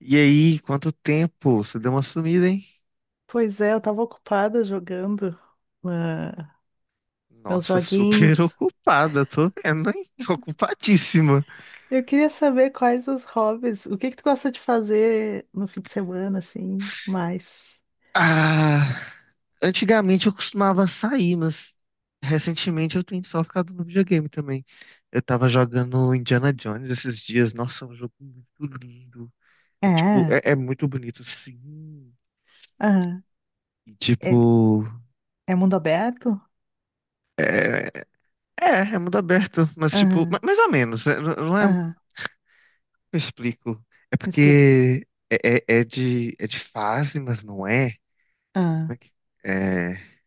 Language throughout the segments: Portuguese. E aí, quanto tempo? Você deu uma sumida, hein? Pois é, eu tava ocupada jogando ah, meus Nossa, super joguinhos. ocupada, tô vendo, hein? Tô ocupadíssima. Eu queria saber quais os hobbies, o que que tu gosta de fazer no fim de semana, assim, mais? Ah, antigamente eu costumava sair, mas recentemente eu tenho só ficado no videogame também. Eu tava jogando Indiana Jones esses dias. Nossa, é um jogo muito lindo. É tipo, É, é muito bonito, sim. aham. E É, tipo, é mundo aberto? é, é mundo aberto, mas tipo, Aham, mais ou menos, né? Não é. aham. Eu explico. É Me explica. porque é, é, é de, é de fase, mas não é. Como Aham, é que- é-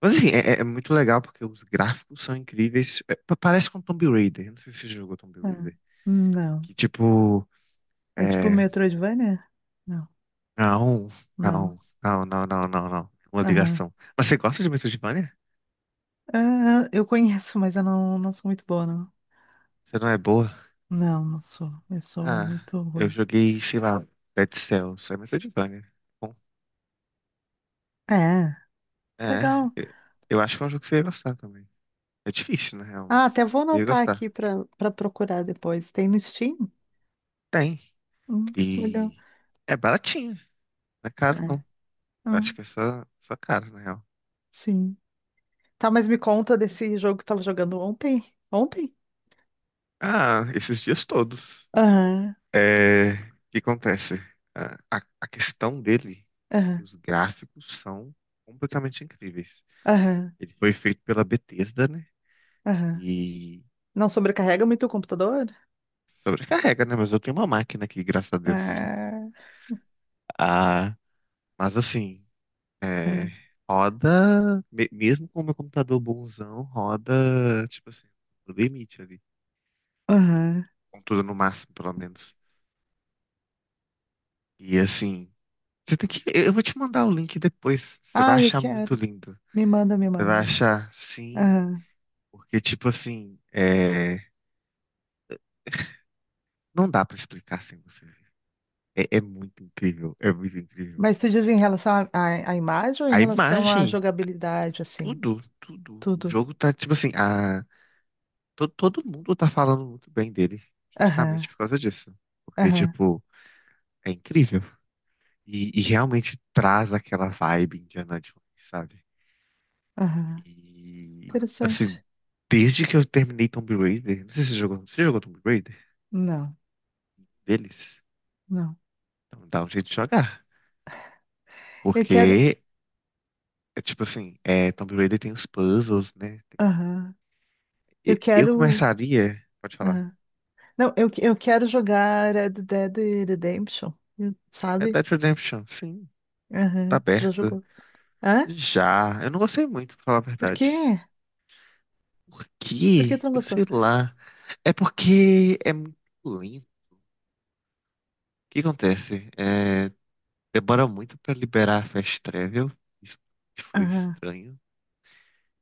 Mas assim é muito legal porque os gráficos são incríveis. É, parece com Tomb Raider. Eu não sei se você jogou Tomb aham. Raider. Não. Que tipo. É tipo É... Metroidvania? Não, Não, não. não, não, não, não, não, não. Uma Aham. ligação. Mas você gosta de Metroidvania? Aham, eu conheço, mas eu não sou muito boa, não. Você não é boa? Não, não sou. Eu sou Ah, muito eu ruim. joguei, sei lá, Dead Cells. É Metroidvania. Bom, É, que é. legal. Eu acho que é um jogo que você ia gostar também. É difícil, na real, Ah, mas até vou eu ia anotar gostar. aqui para procurar depois. Tem no Steam? Tem. Hum, legal. E é baratinho, não é caro É. não. Ah, Acho que é só caro, na real. sim. Tá, mas me conta desse jogo que tava jogando ontem. Ontem? Ah, esses dias todos. Aham, É, o que acontece? A questão dele, que aham, os gráficos são completamente incríveis. aham, Ele foi feito pela Bethesda, né? aham. E Não sobrecarrega muito o computador? sobrecarrega, né? Mas eu tenho uma máquina aqui, graças a Deus. Ah, Ah, mas assim, é, ah, roda, mesmo com o meu computador bonzão, roda, tipo assim, no limite ali. aham. Contudo, no máximo, pelo menos. E assim, você tem que. Eu vou te mandar o link depois. Você vai Ah, eu achar muito quero. lindo. Me manda, me Você vai manda. achar, sim, Aham. porque, tipo assim, não dá pra explicar sem você ver. É muito incrível, é muito incrível. Mas tu diz em relação à imagem ou em A relação à imagem, jogabilidade, assim? tudo, tudo. O Tudo. jogo tá, tipo assim, a... Todo mundo tá falando muito bem dele, Aham, justamente por causa disso. Porque, aham, tipo, é incrível. E realmente traz aquela vibe Indiana Jones, sabe? aham. E, assim, Interessante. desde que eu terminei Tomb Raider, não sei se você jogou, você jogou Tomb Raider Não, deles? não. Então dá um jeito de jogar. Eu quero. Porque, é tipo assim, Tomb Raider tem os puzzles, né? Aham. Eu Eu quero. começaria, pode falar, Aham. Não, eu quero jogar Red Dead Redemption, é sabe? Dead Redemption, sim, tá Aham. Tu já aberta. jogou? Hã? Já, eu não gostei muito, pra falar a Por verdade. quê? Por Por que tu quê? não Eu gostou? sei lá. É porque é muito lento. O que acontece? É, demora muito pra liberar a Fast Travel. Isso foi Aham. estranho.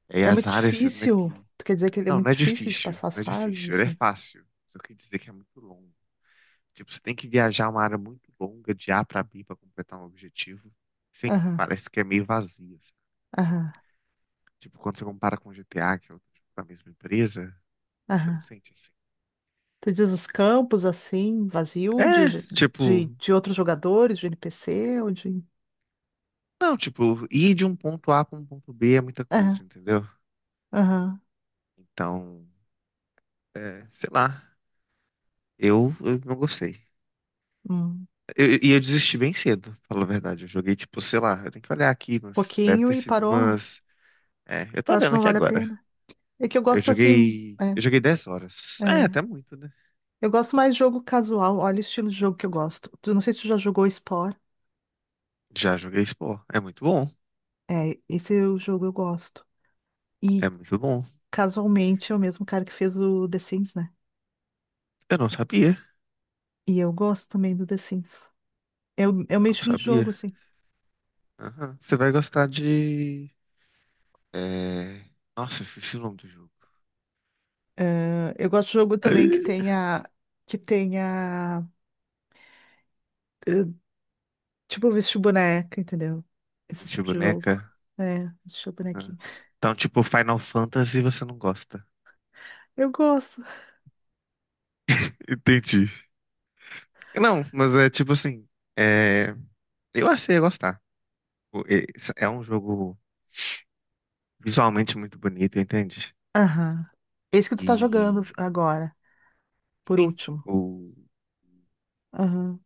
É É as muito áreas, né, difícil. que... Tu quer dizer que ele é Não, não muito é difícil de difícil, passar as não é fases, difícil, ele é assim? fácil. Só quer dizer que é muito longo. Tipo, você tem que viajar uma área muito longa de A pra B pra completar um objetivo. Sim, Aham, parece que é meio vazio, sabe? aham, Tipo, quando você compara com GTA, que é outro tipo da mesma empresa, você não aham. sente assim. Tu diz os campos, assim, vazio, É, tipo, de outros jogadores, de NPC, ou de... não, tipo, ir de um ponto A pra um ponto B é muita Aham, coisa, entendeu? aham. Então, sei lá, eu não gostei. Hum. E eu, desisti bem cedo, falo a verdade. Eu joguei, tipo, sei lá, eu tenho que olhar aqui, mas deve Pouquinho ter e sido parou. umas. É, eu tô Eu acho que olhando não aqui vale a agora. pena. É que eu Eu gosto, assim... joguei. é. Eu joguei 10 horas. É, É. até muito, né? Eu gosto mais de jogo casual. Olha o estilo de jogo que eu gosto. Tu não sei se tu já jogou Spore. Já joguei Spore. É muito bom. É, esse é o jogo eu gosto. É E muito bom. casualmente é o mesmo cara que fez o The Sims, né? Eu não sabia. E eu gosto também do The Sims. É o Eu meu não estilo de sabia. jogo, assim. Aham. Você vai gostar de. É... Nossa, eu esqueci o nome do jogo. Ah, eu gosto de jogo também que tenha, que tenha, eh, tipo, vestir boneca, entendeu? Esse Deixa tipo de jogo. boneca. É, vestir Aham. bonequinho. Então, tipo, Final Fantasy você não gosta. Eu gosto. Entendi. Não, mas é tipo assim. É... Eu achei eu gostar. O- e- É um jogo visualmente muito bonito, entende? Aham. Esse que tu tá jogando E, agora, por sim, último. o... Aham.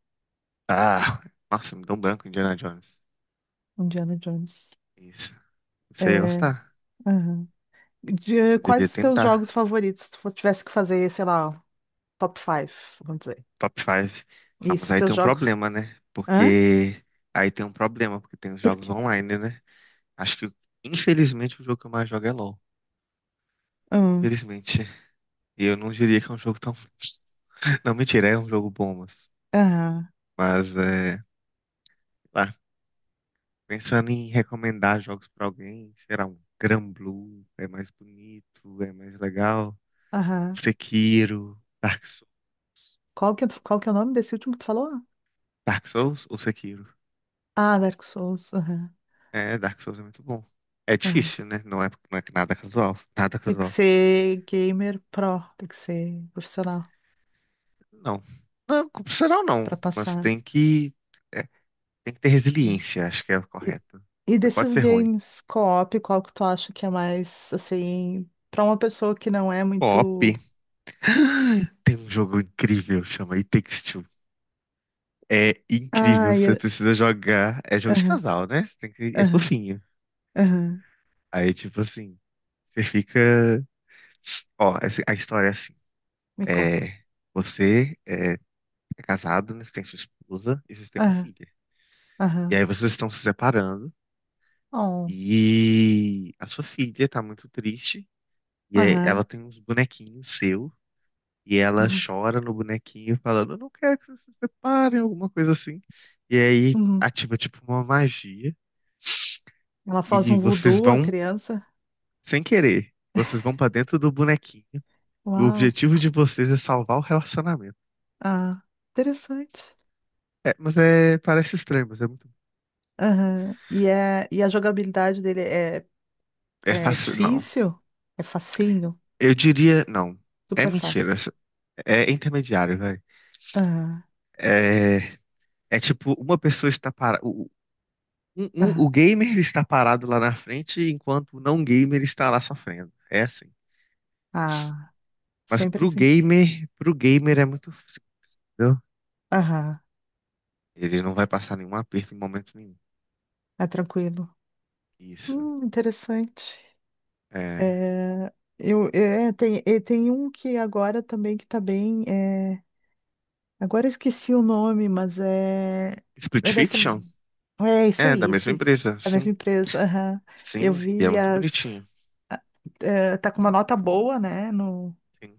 Ah, nossa, me deu um branco Indiana Jones. Indiana Jones. Isso. Você ia É, gostar. aham. De, Você quais devia os teus jogos tentar. favoritos? Se tivesse que fazer, sei lá, top 5, vamos dizer. Top 5. Ah, E mas se aí teus tem um jogos. problema, né? Hã? Porque... Aí tem um problema, porque tem os Por jogos quê? online, né? Acho que, infelizmente, o jogo que eu mais jogo é LoL. Hum, Infelizmente. E eu não diria que é um jogo tão... Não, mentira, é um jogo bom, mas... Aham. Mas, lá, Pensando em recomendar jogos pra alguém, será um Granblue, é mais bonito, é mais legal. Aham. Sekiro, Dark, Qual qual que é o nome desse último que tu falou? Dark Souls ou Sekiro? Ah, Dark Souls. Aham. É, Dark Souls é muito bom. É Aham. difícil, né? Não é, não é nada casual, nada Tem que casual. ser gamer pro, tem que ser profissional Não, não, profissional não, pra mas passar. É, tem que ter Ah. resiliência, acho que é o E, correto. e Você pode desses ser ruim. games co-op, qual que tu acha que é mais, assim, pra uma pessoa que não é Pop. muito. Tem um jogo incrível, chama It Takes Two. É Ah, incrível, você precisa jogar. É jogo de aham, casal, né? Você tem que... É aham, fofinho. aham. Aí, tipo assim, você fica. Ó, a história é assim. Me conta. É... Você é casado, né? Você tem sua esposa e você tem uma Aham, filha. E aham. aí vocês estão se separando Oh, e a sua filha tá muito triste. E aí ela aham. tem uns bonequinhos seu e ela Uhum, chora no bonequinho falando, eu não quero que vocês se separem, alguma coisa assim. E aí uhum. ativa tipo uma magia. Ela faz um E vocês voodoo, a vão, criança. sem querer, vocês vão pra dentro do bonequinho. E o Uau. objetivo de vocês é salvar o relacionamento. Ah, interessante. É, mas é, parece estranho, mas é muito. Aham. E, é, e a jogabilidade dele é, É é fácil, não. difícil? É facinho? Eu diria, não. É Super fácil. mentira. É intermediário, velho. Aham, É, é tipo, uma pessoa está parada. Aham. O gamer está parado lá na frente, enquanto o não gamer está lá sofrendo. É assim. Ah, Mas sempre assim. Pro gamer é muito fácil, entendeu? Aham. Ele não vai passar nenhum aperto em momento nenhum. É tranquilo. Isso. Interessante. É. É, eu, é, tem, e tem um que agora também que tá bem. É, agora eu esqueci o nome, mas é. Split É dessa. Fiction? É esse É, da aí, mesma esse. empresa, A mesma sim. empresa, aham. Eu Sim, e é vi muito as. bonitinho. Tá com uma nota boa, né? No. Sim.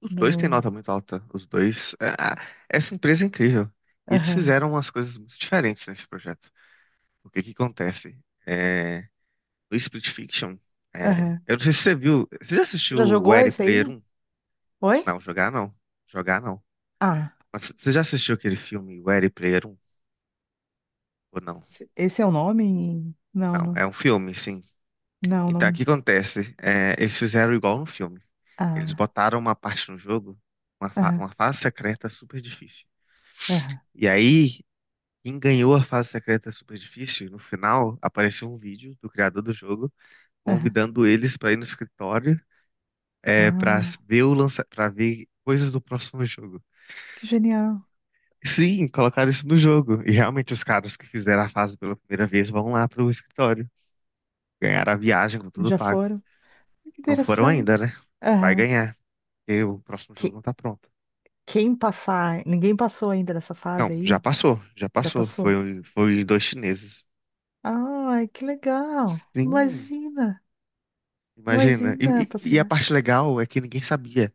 Os dois têm No... nota muito alta. Os dois. Essa empresa é incrível. E eles Aham, fizeram umas coisas muito diferentes nesse projeto. O que que acontece? É, no Split Fiction, aham. eu não sei se você viu. Você já assistiu Já o jogou Ready esse Player aí? um? Oi? Não, jogar não. Jogar não. Ah, Mas você já assistiu aquele filme Ready Player um, ou não? esse esse é o nome? Não, Não, não. é um filme, sim. Não, Então, o não. que acontece? É, eles fizeram igual no filme. Eles Ah, botaram uma parte no jogo, uma, fa- aham, uma fase secreta super difícil. aham, E aí, quem ganhou a fase secreta super difícil, no final, apareceu um vídeo do criador do jogo aham. convidando eles pra ir no escritório, Ah, para ver coisas do próximo jogo. que genial. Sim, colocaram isso no jogo. E realmente os caras que fizeram a fase pela primeira vez vão lá pro escritório. Ganharam a viagem com tudo Já pago. foram? Que Não foram ainda, né? interessante. Vai Aham. ganhar, porque o próximo jogo Que, não tá pronto. quem passar. Ninguém passou ainda dessa Não, fase já aí? passou, já Já passou. passou? Foi dois chineses. Ai, que legal. Sim, Imagina. imagina. E, Imagina a e- e a possibilidade parte legal é que ninguém sabia.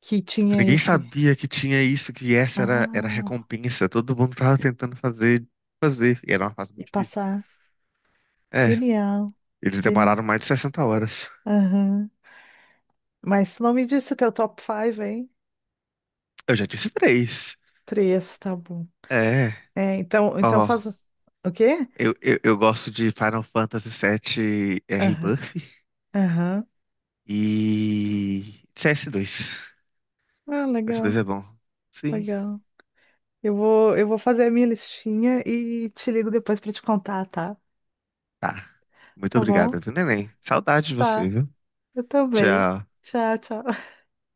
que Tipo, tinha ninguém esse. sabia que tinha isso, que essa era a Ah, recompensa. Todo mundo tava tentando fazer, fazer. E era uma fase e muito difícil. passar. É, Genial, eles genial. demoraram mais de 60 horas. Aham. Mas tu não me disse teu top 5, hein? Eu já disse três. Três, tá bom. É, É, então, então ó. faz. O quê? Eu gosto de Final Fantasy VII, Aham, Rebirth aham. e CS2. Ah, CS2 legal, é bom. Sim. legal. Eu vou fazer a minha listinha e te ligo depois pra te contar, tá? Tá. Muito Tá bom? obrigada, viu, neném? Saudade de você, Tá, viu? eu também. Tchau. Tchau, tchau.